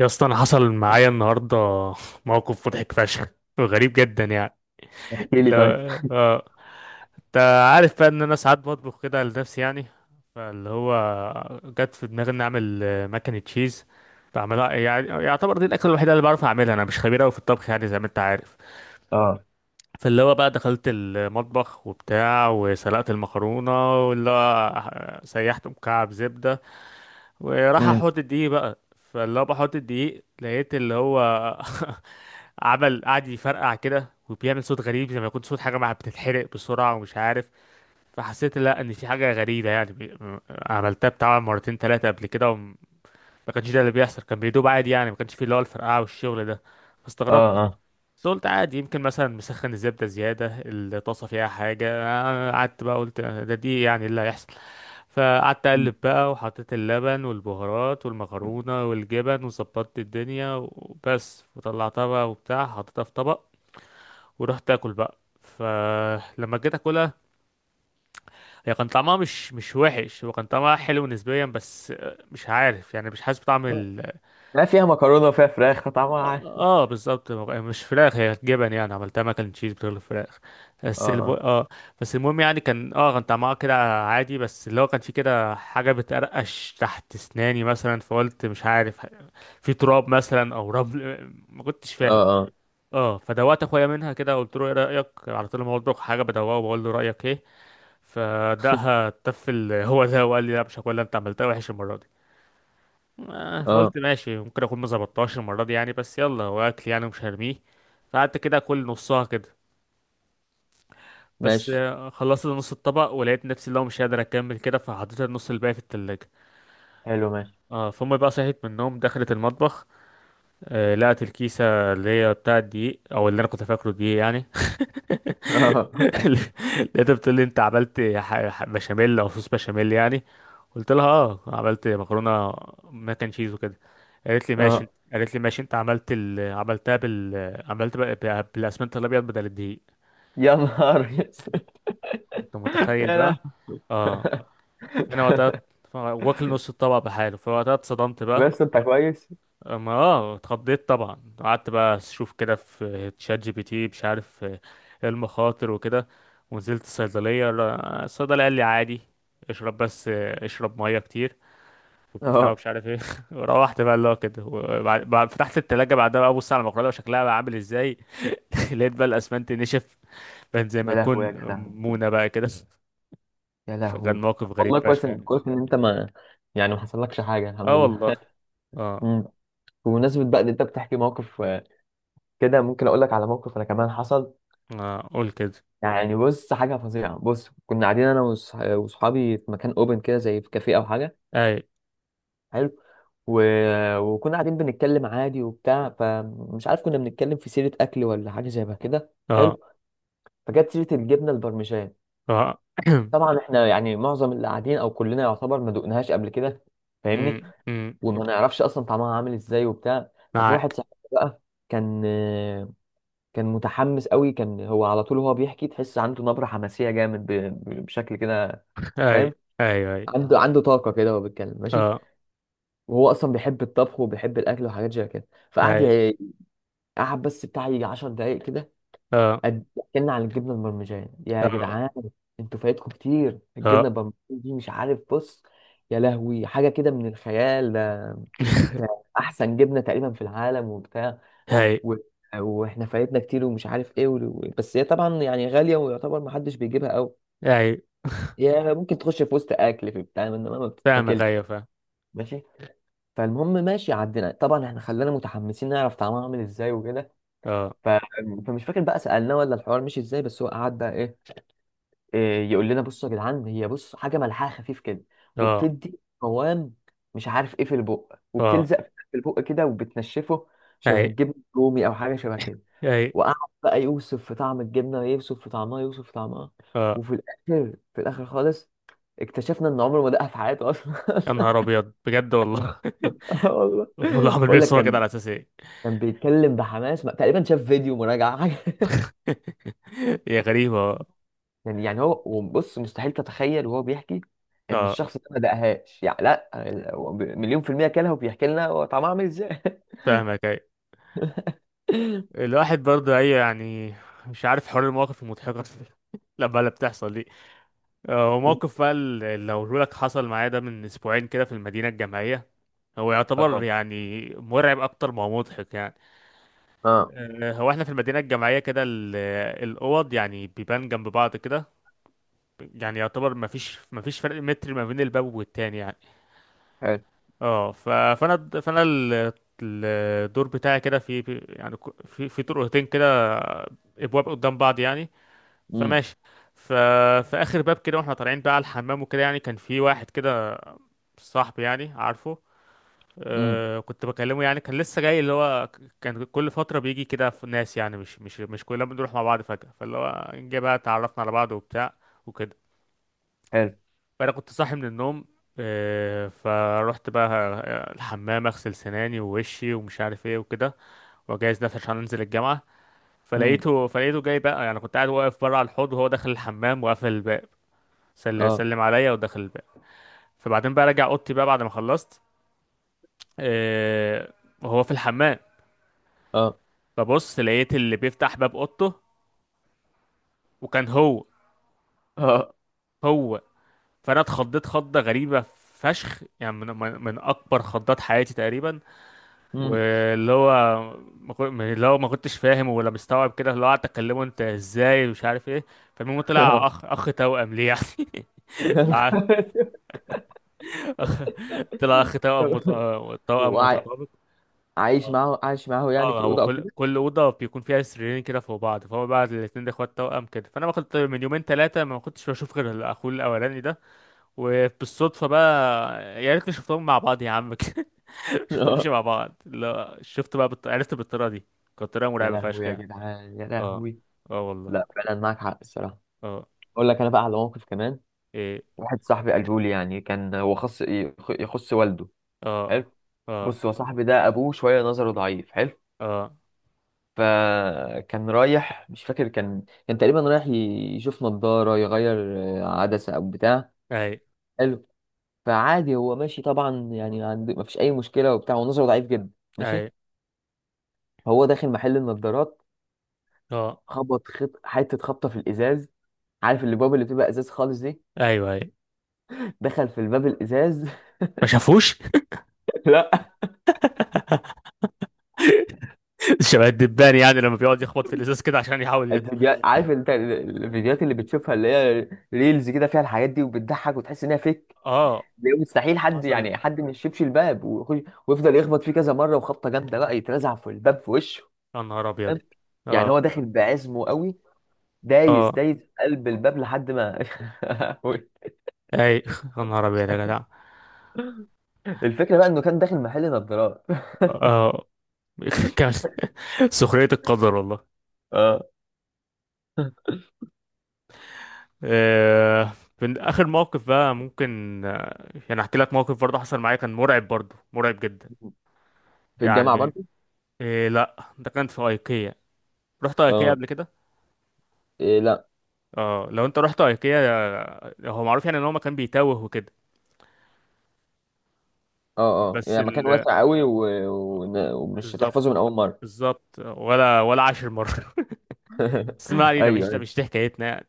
يا اسطى، انا حصل معايا النهارده موقف مضحك فشخ وغريب جدا يعني. كيلي لا. طيب. اه، انت عارف بقى ان انا ساعات بطبخ كده لنفسي يعني. فاللي هو جت في دماغي اني اعمل مكنة تشيز بعملها، يعني يعتبر دي الاكله الوحيده اللي بعرف اعملها، انا مش خبير قوي في الطبخ يعني زي ما انت عارف. اه. فاللي هو بقى دخلت المطبخ وبتاع وسلقت المكرونه، واللي هو سيحت مكعب زبده، وراح امم. احط الدقيق بقى. فاللي هو بحط الدقيق لقيت اللي هو عمل قعد يفرقع كده وبيعمل صوت غريب زي ما يكون صوت حاجة مع بتتحرق بسرعة ومش عارف. فحسيت لا ان في حاجة غريبة يعني عملتها بتاع مرتين تلاتة قبل كده وما كانش ده اللي بيحصل، كان بيدوب عادي يعني، ما كانش فيه اللي هو الفرقعة والشغل ده. فاستغربت اه. اه. بس قلت عادي، يمكن مثلا مسخن الزبدة زيادة، الطاسة فيها حاجة. أنا قعدت بقى قلت ده دي يعني اللي هيحصل. فقعدت مم. أقلب بقى وحطيت اللبن والبهارات والمكرونة والجبن وظبطت الدنيا وبس، وطلعتها بقى وبتاع حطيتها في طبق. ورحت أكل بقى، فلما جيت أكلها هي كان طعمها مش وحش، هو كان طعمها حلو نسبيا، بس مش عارف يعني مش حاسس بطعم. لا، فيها مكرونه وفيها فراخ طعمها عارف. اه بالظبط، مش فراخ، هي جبن يعني عملتها ماك اند تشيز بدل الفراخ. اه. اه. بس المهم يعني كان كان طعمها كده عادي، بس اللي هو كان في كده حاجه بتقرقش تحت اسناني مثلا، فقلت مش عارف، في تراب مثلا او رمل، ما كنتش اه. فاهم. اه. اه فدوقت اخويا منها كده، قلت له ايه رايك، على طول ما بطبخ حاجه بدوقه وبقول له رايك ايه. فدقها تفل هو ده وقال لي لا مش هاكلها، انت عملتها وحش المره دي. اه. اه. فقلت ماشي، ممكن اكون ما ظبطتهاش المره دي يعني، بس يلا هو اكل يعني مش هرميه. فقعدت كده اكل نصها كده، بس ماشي. آه، خلصت نص الطبق ولقيت نفسي لو مش قادر اكمل كده، فحطيت النص الباقي في التلاجة. حلو، ماشي. اه فامي بقى صحيت من النوم دخلت المطبخ، آه لقت الكيسه اللي هي بتاع الدقيق او اللي انا كنت فاكره دقيق يعني. اه. لقيتها بتقول لي انت عملت بشاميل او صوص بشاميل يعني. قلت لها اه عملت مكرونه ماك اند تشيز وكده. قالت لي ماشي، اه. قالت لي ماشي انت عملتها عملت بقى بالاسمنت الابيض بدل الدقيق. يا نهار اسود. انت متخيل يا لا. بقى؟ اه انا وقتها واكل نص الطبق بحاله، فوقتها اتصدمت بقى. بس انت كويس. ما اتخضيت طبعا. قعدت بقى اشوف كده في تشات جي بي تي مش عارف ايه المخاطر وكده. ونزلت الصيدلية، الصيدلي قال لي عادي، اشرب بس اشرب مية كتير وبتاع اه. ومش عارف ايه. روحت بقى اللي هو كده، فتحت التلاجة بعدها بقى ابص على المقلاية وشكلها بقى عامل ازاي. لقيت بقى الاسمنت نشف، كان زي ما يا لهوي يا تكون جدع، مونة بقى كده. يا فكان لهوي. موقف غريب والله كويس فشخ ان يعني. كويس ان انت ما يعني ما حصلكش حاجه، الحمد اه لله. والله. اه. أمم. بمناسبه بقى ان انت بتحكي موقف كده، ممكن اقول لك على موقف انا كمان حصل. اه قول كده. يعني بص، حاجة فظيعة. بص، كنا قاعدين أنا وصحابي في مكان أوبن كده، زي في كافيه أو حاجة. اي. حلو. و... وكنا قاعدين بنتكلم عادي وبتاع، فمش عارف كنا بنتكلم في سيرة أكل ولا حاجة زي ما كده. حلو. اه. فجت سيرة الجبنة البرمجان. اه. طبعا إحنا يعني معظم اللي قاعدين أو كلنا يعتبر ما دقناهاش قبل كده، فاهمني، وما نعرفش أصلا طعمها عامل إزاي وبتاع. ففي واحد معاك. صاحبي بقى كان، كان متحمس قوي، هو على طول وهو بيحكي تحس عنده نبرة حماسية جامد بشكل كده، اي فاهم؟ اي اي. عنده، عنده طاقة كده وهو بيتكلم. ماشي. اه. وهو أصلا بيحب الطبخ وبيحب الأكل وحاجات زي كده. اي. قعد بس بتاع يجي 10 دقايق كده. اه اتكلنا عن الجبنة المرمجان. يا اه جدعان، انتوا فايتكم كتير الجبنة اه. المرمجان دي، مش عارف. بص، يا لهوي، حاجة كده من الخيال ده. ده أحسن جبنة تقريبا في العالم وبتاع. اي و... واحنا فايتنا كتير ومش عارف ايه بس هي طبعا يعني غاليه، ويعتبر ما حدش بيجيبها قوي. اي. هي ممكن تخش في وسط اكل في بتاع، انما ما فاهمك، بتتاكلش. ايوه فاهم. ماشي. فالمهم، ماشي، عدينا. طبعا احنا خلانا متحمسين نعرف طعمها عامل ازاي وكده. اه ف... فمش فاكر بقى سالناه ولا الحوار مشي ازاي، بس هو قعد بقى إيه يقول لنا، بصوا يا جدعان، هي بص حاجه ملحها خفيف كده، اه وبتدي قوام مش عارف ايه في البق، اه. وبتلزق في البق كده وبتنشفه، اي شبه الجبن الرومي او حاجه شبه كده. اي. وقعد بقى يوصف في طعم الجبنة، يوصف في طعمها، يوصف في طعمها، اه. وفي الآخر، في الآخر خالص، اكتشفنا إن عمره ما دقها في حياته أصلا. يا نهار ابيض بجد والله. آه والله. امال هو عامل بيه بقول لك الصوره كده كان، على اساس ايه؟ كان بيتكلم بحماس. تقريبا شاف فيديو مراجعة حاجة. هي غريبه اه. يعني هو، وبص، مستحيل تتخيل وهو بيحكي إن آه، الشخص ده ما دقهاش. يعني لا، هو مليون في المية كلها، وبيحكي لنا هو طعمها عامل إزاي. فاهمك اي. الواحد برضه اي يعني، مش عارف حوار المواقف المضحكه لما اللي بتحصل دي. مم. وموقف بقى اللي هقوله لك حصل معايا ده من اسبوعين كده في المدينه الجامعيه. هو يعتبر اه. يعني مرعب اكتر ما هو مضحك يعني. اه. هو احنا في المدينه الجامعيه كده، الاوض يعني بيبان جنب بعض كده، يعني يعتبر ما فيش فرق متر ما بين الباب والتاني يعني. حلو. اه فانا الدور بتاعي كده يعني في في طرقتين كده، ابواب قدام بعض يعني. امم. فماشي ف في اخر باب كده واحنا طالعين بقى على الحمام وكده، يعني كان في واحد كده صاحبي يعني عارفه. امم. آه كنت بكلمه يعني كان لسه جاي، اللي هو كان كل فترة بيجي كده في ناس يعني مش كلنا بنروح مع بعض فجأة، فاللي هو جه بقى اتعرفنا على بعض وبتاع وكده. حلو. فأنا كنت صاحي من النوم، آه فروحت بقى الحمام أغسل سناني ووشي ومش عارف ايه وكده، وأجهز نفسي عشان أنزل الجامعة. امم. فلقيته جاي بقى، يعني كنت قاعد واقف بره على الحوض وهو داخل الحمام وقافل الباب. اه. سلم عليا ودخل الباب. فبعدين بقى راجع أوضتي بقى بعد ما خلصت، آه وهو في الحمام. اه. فبص لقيت اللي بيفتح باب اوضته وكان هو. اه. هو. فانا اتخضيت خضه غريبه فشخ يعني، من اكبر خضات حياتي تقريبا. امم. واللي هو ما كن- اللي هو ما كنتش فاهم ولا مستوعب كده، اللي هو قعدت اكلمه انت ازاي ومش عارف ايه. فالمهم طلع اخ توأم ليه يعني. يا مع- نهار طلع اخ توأم أسود. توأم وع- متطابق. عايش اه معاه، عايش معاه يعني في اه هو الأوضة أو كل كده. كل اوضه بيكون فيها سريرين كده فوق بعض، فهو بقى الاثنين ده اخوات توأم كده، فانا ما كنت من يومين ثلاثه ما كنتش بشوف غير اخوه الاولاني ده. وبالصدفة بقى، يا ريتني شفتهم مع بعض يا عم. شفتهم مش آه. مع بعض، لا شفت بقى عرفت بالطريقة دي. كانت طريقة يا مرعبة فشخ لهوي يا يعني. جدعان، يا اه. لهوي. اه والله. لا فعلا معاك حق الصراحة. اه. أقول لك أنا بقى على موقف كمان. ايه. واحد صاحبي قاله لي، يعني كان هو خص يخص والده. اه حلو. اه بص، هو صاحبي ده أبوه شوية نظره ضعيف. حلو. اه. فكان رايح، مش فاكر، كان كان تقريبا رايح يشوف نضارة يغير عدسة أو بتاع. اي حلو. فعادي هو ماشي طبعا، يعني مفيش أي مشكلة وبتاع، ونظره ضعيف جدا. ماشي. اي. هو داخل محل النضارات، اه. خبط حته خبطه في الازاز. عارف الباب اللي بتبقى ازاز خالص دي؟ ايوه اي دخل في الباب الازاز. ما شافوش. لا، شبه الدبان يعني لما بيقعد يخبط في الازاز كده عشان يحاول يطلع. الفيديوهات، عارف انت الفيديوهات اللي بتشوفها اللي هي ريلز كده فيها الحاجات دي، وبتضحك وتحس انها فيك، اه اللي هو مستحيل حد، حصل. يعني حد ما يشيبش الباب ويخش، ويفضل يخبط فيه كذا مره، وخبطه جامده بقى يترزع في الباب في وشه، يا نهار فاهم؟ ابيض. يعني اه. هو داخل بعزمه قوي، دايس اه دايس في قلب الباب لحد ما. اي. يا نهار ابيض يا جدع. الفكره بقى انه كان داخل محل نضارات. اه. كان سخرية القدر والله. اه. آه، من اخر موقف بقى ممكن يعني احكي لك موقف برضه حصل معايا كان مرعب برضه مرعب جدا في الجامعه يعني. برضه؟ إيه لا ده كان في ايكيا. رحت ايكيا اه، قبل كده؟ إيه لا. اه لو انت رحت ايكيا، هو معروف يعني ان هو مكان بيتاوه وكده. اه. اه. بس يعني مكان ال واسع قوي آه، ومش بالظبط. هتحفظه من اول مره. بالظبط، ولا عشر مرة. بس ما علينا، ايوه مش ده ايوه. مش دي حكايتنا يعني.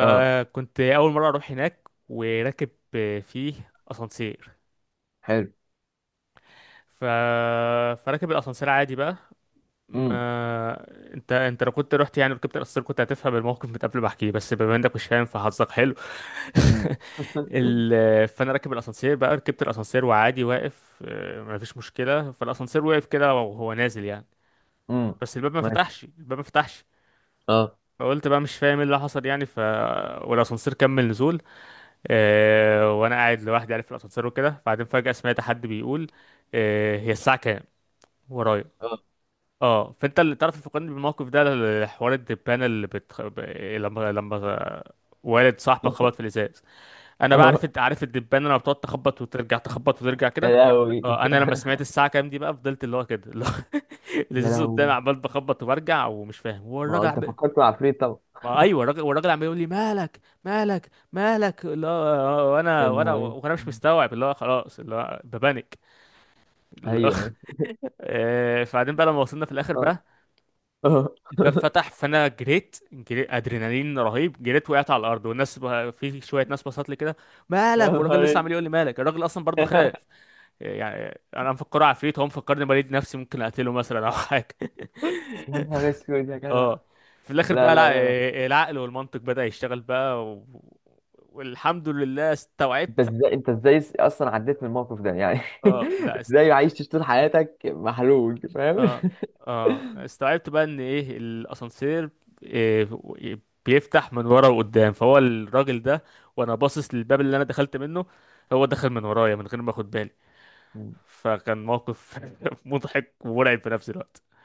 اه. أول مرة أروح هناك وراكب فيه أسانسير. حلو. ف... فراكب الأسانسير عادي بقى، امم. ما انت لو كنت رحت يعني ركبت القصر كنت هتفهم الموقف من قبل ما احكيه، بس بما انك مش فاهم فحظك حلو. امم. فانا راكب الاسانسير بقى، ركبت الاسانسير وعادي واقف ما فيش مشكله. فالاسانسير وقف كده وهو نازل يعني، امم. بس الباب ما ماشي. فتحش الباب ما فتحش اه. فقلت بقى مش فاهم ايه اللي حصل يعني، والاسانسير كمل نزول. اه... وانا قاعد لوحدي يعني في الاسانسير وكده، بعدين فجاه سمعت حد بيقول اه... هي الساعه كام ورايا. اه. اه فانت اللي تعرف تفكرني بالموقف ده، حوار الدبانه لما لما والد صاحبك خبط في الازاز. انا بقى عارف اه. عارف الدبانه لما بتقعد تخبط وترجع تخبط وترجع يا كده. لهوي، اه انا لما سمعت الساعه كام دي بقى فضلت اللي هو كده اللي هو يا الازاز قدامي لهوي. عمال بخبط وبرجع ومش فاهم، هو ما هو الراجل انت فكرت في العفريت طبعا. ما ايوه الراجل، والراجل عمال يقول لي مالك اللي هو. وانا يا وانا نهار وانا مش أسود. مستوعب، اللي هو خلاص اللي هو ببانك اللي هو. ايوه ايوه. فبعدين بقى لما وصلنا في الاخر اه. بقى اه. الباب فتح، فانا جريت، جريت ادرينالين رهيب، جريت وقعت على الارض والناس في شويه ناس بصت لي كده يا مالك، والراجل نهار لسه أسود. عمال يقول لي مالك، الراجل اصلا برضو خاف يعني، انا مفكره عفريت هو مفكرني بريد نفسي ممكن اقتله مثلا او حاجه. يا نهار اسود يا جدع. اه في الاخر لا بقى لا لا. العقل والمنطق بدأ يشتغل بقى و... والحمد لله انت استوعبت. ازاي، انت ازاي اصلا عديت من الموقف ده يعني؟ اه لا است... ازاي عايش طول حياتك محلول، فاهم؟ اه اه استوعبت بقى ان ايه، الاسانسير إيه بيفتح من ورا وقدام، فهو الراجل ده وانا باصص للباب اللي انا دخلت منه، هو دخل من ورايا من غير ما اخد بالي. فكان موقف مضحك ومرعب في نفس الوقت.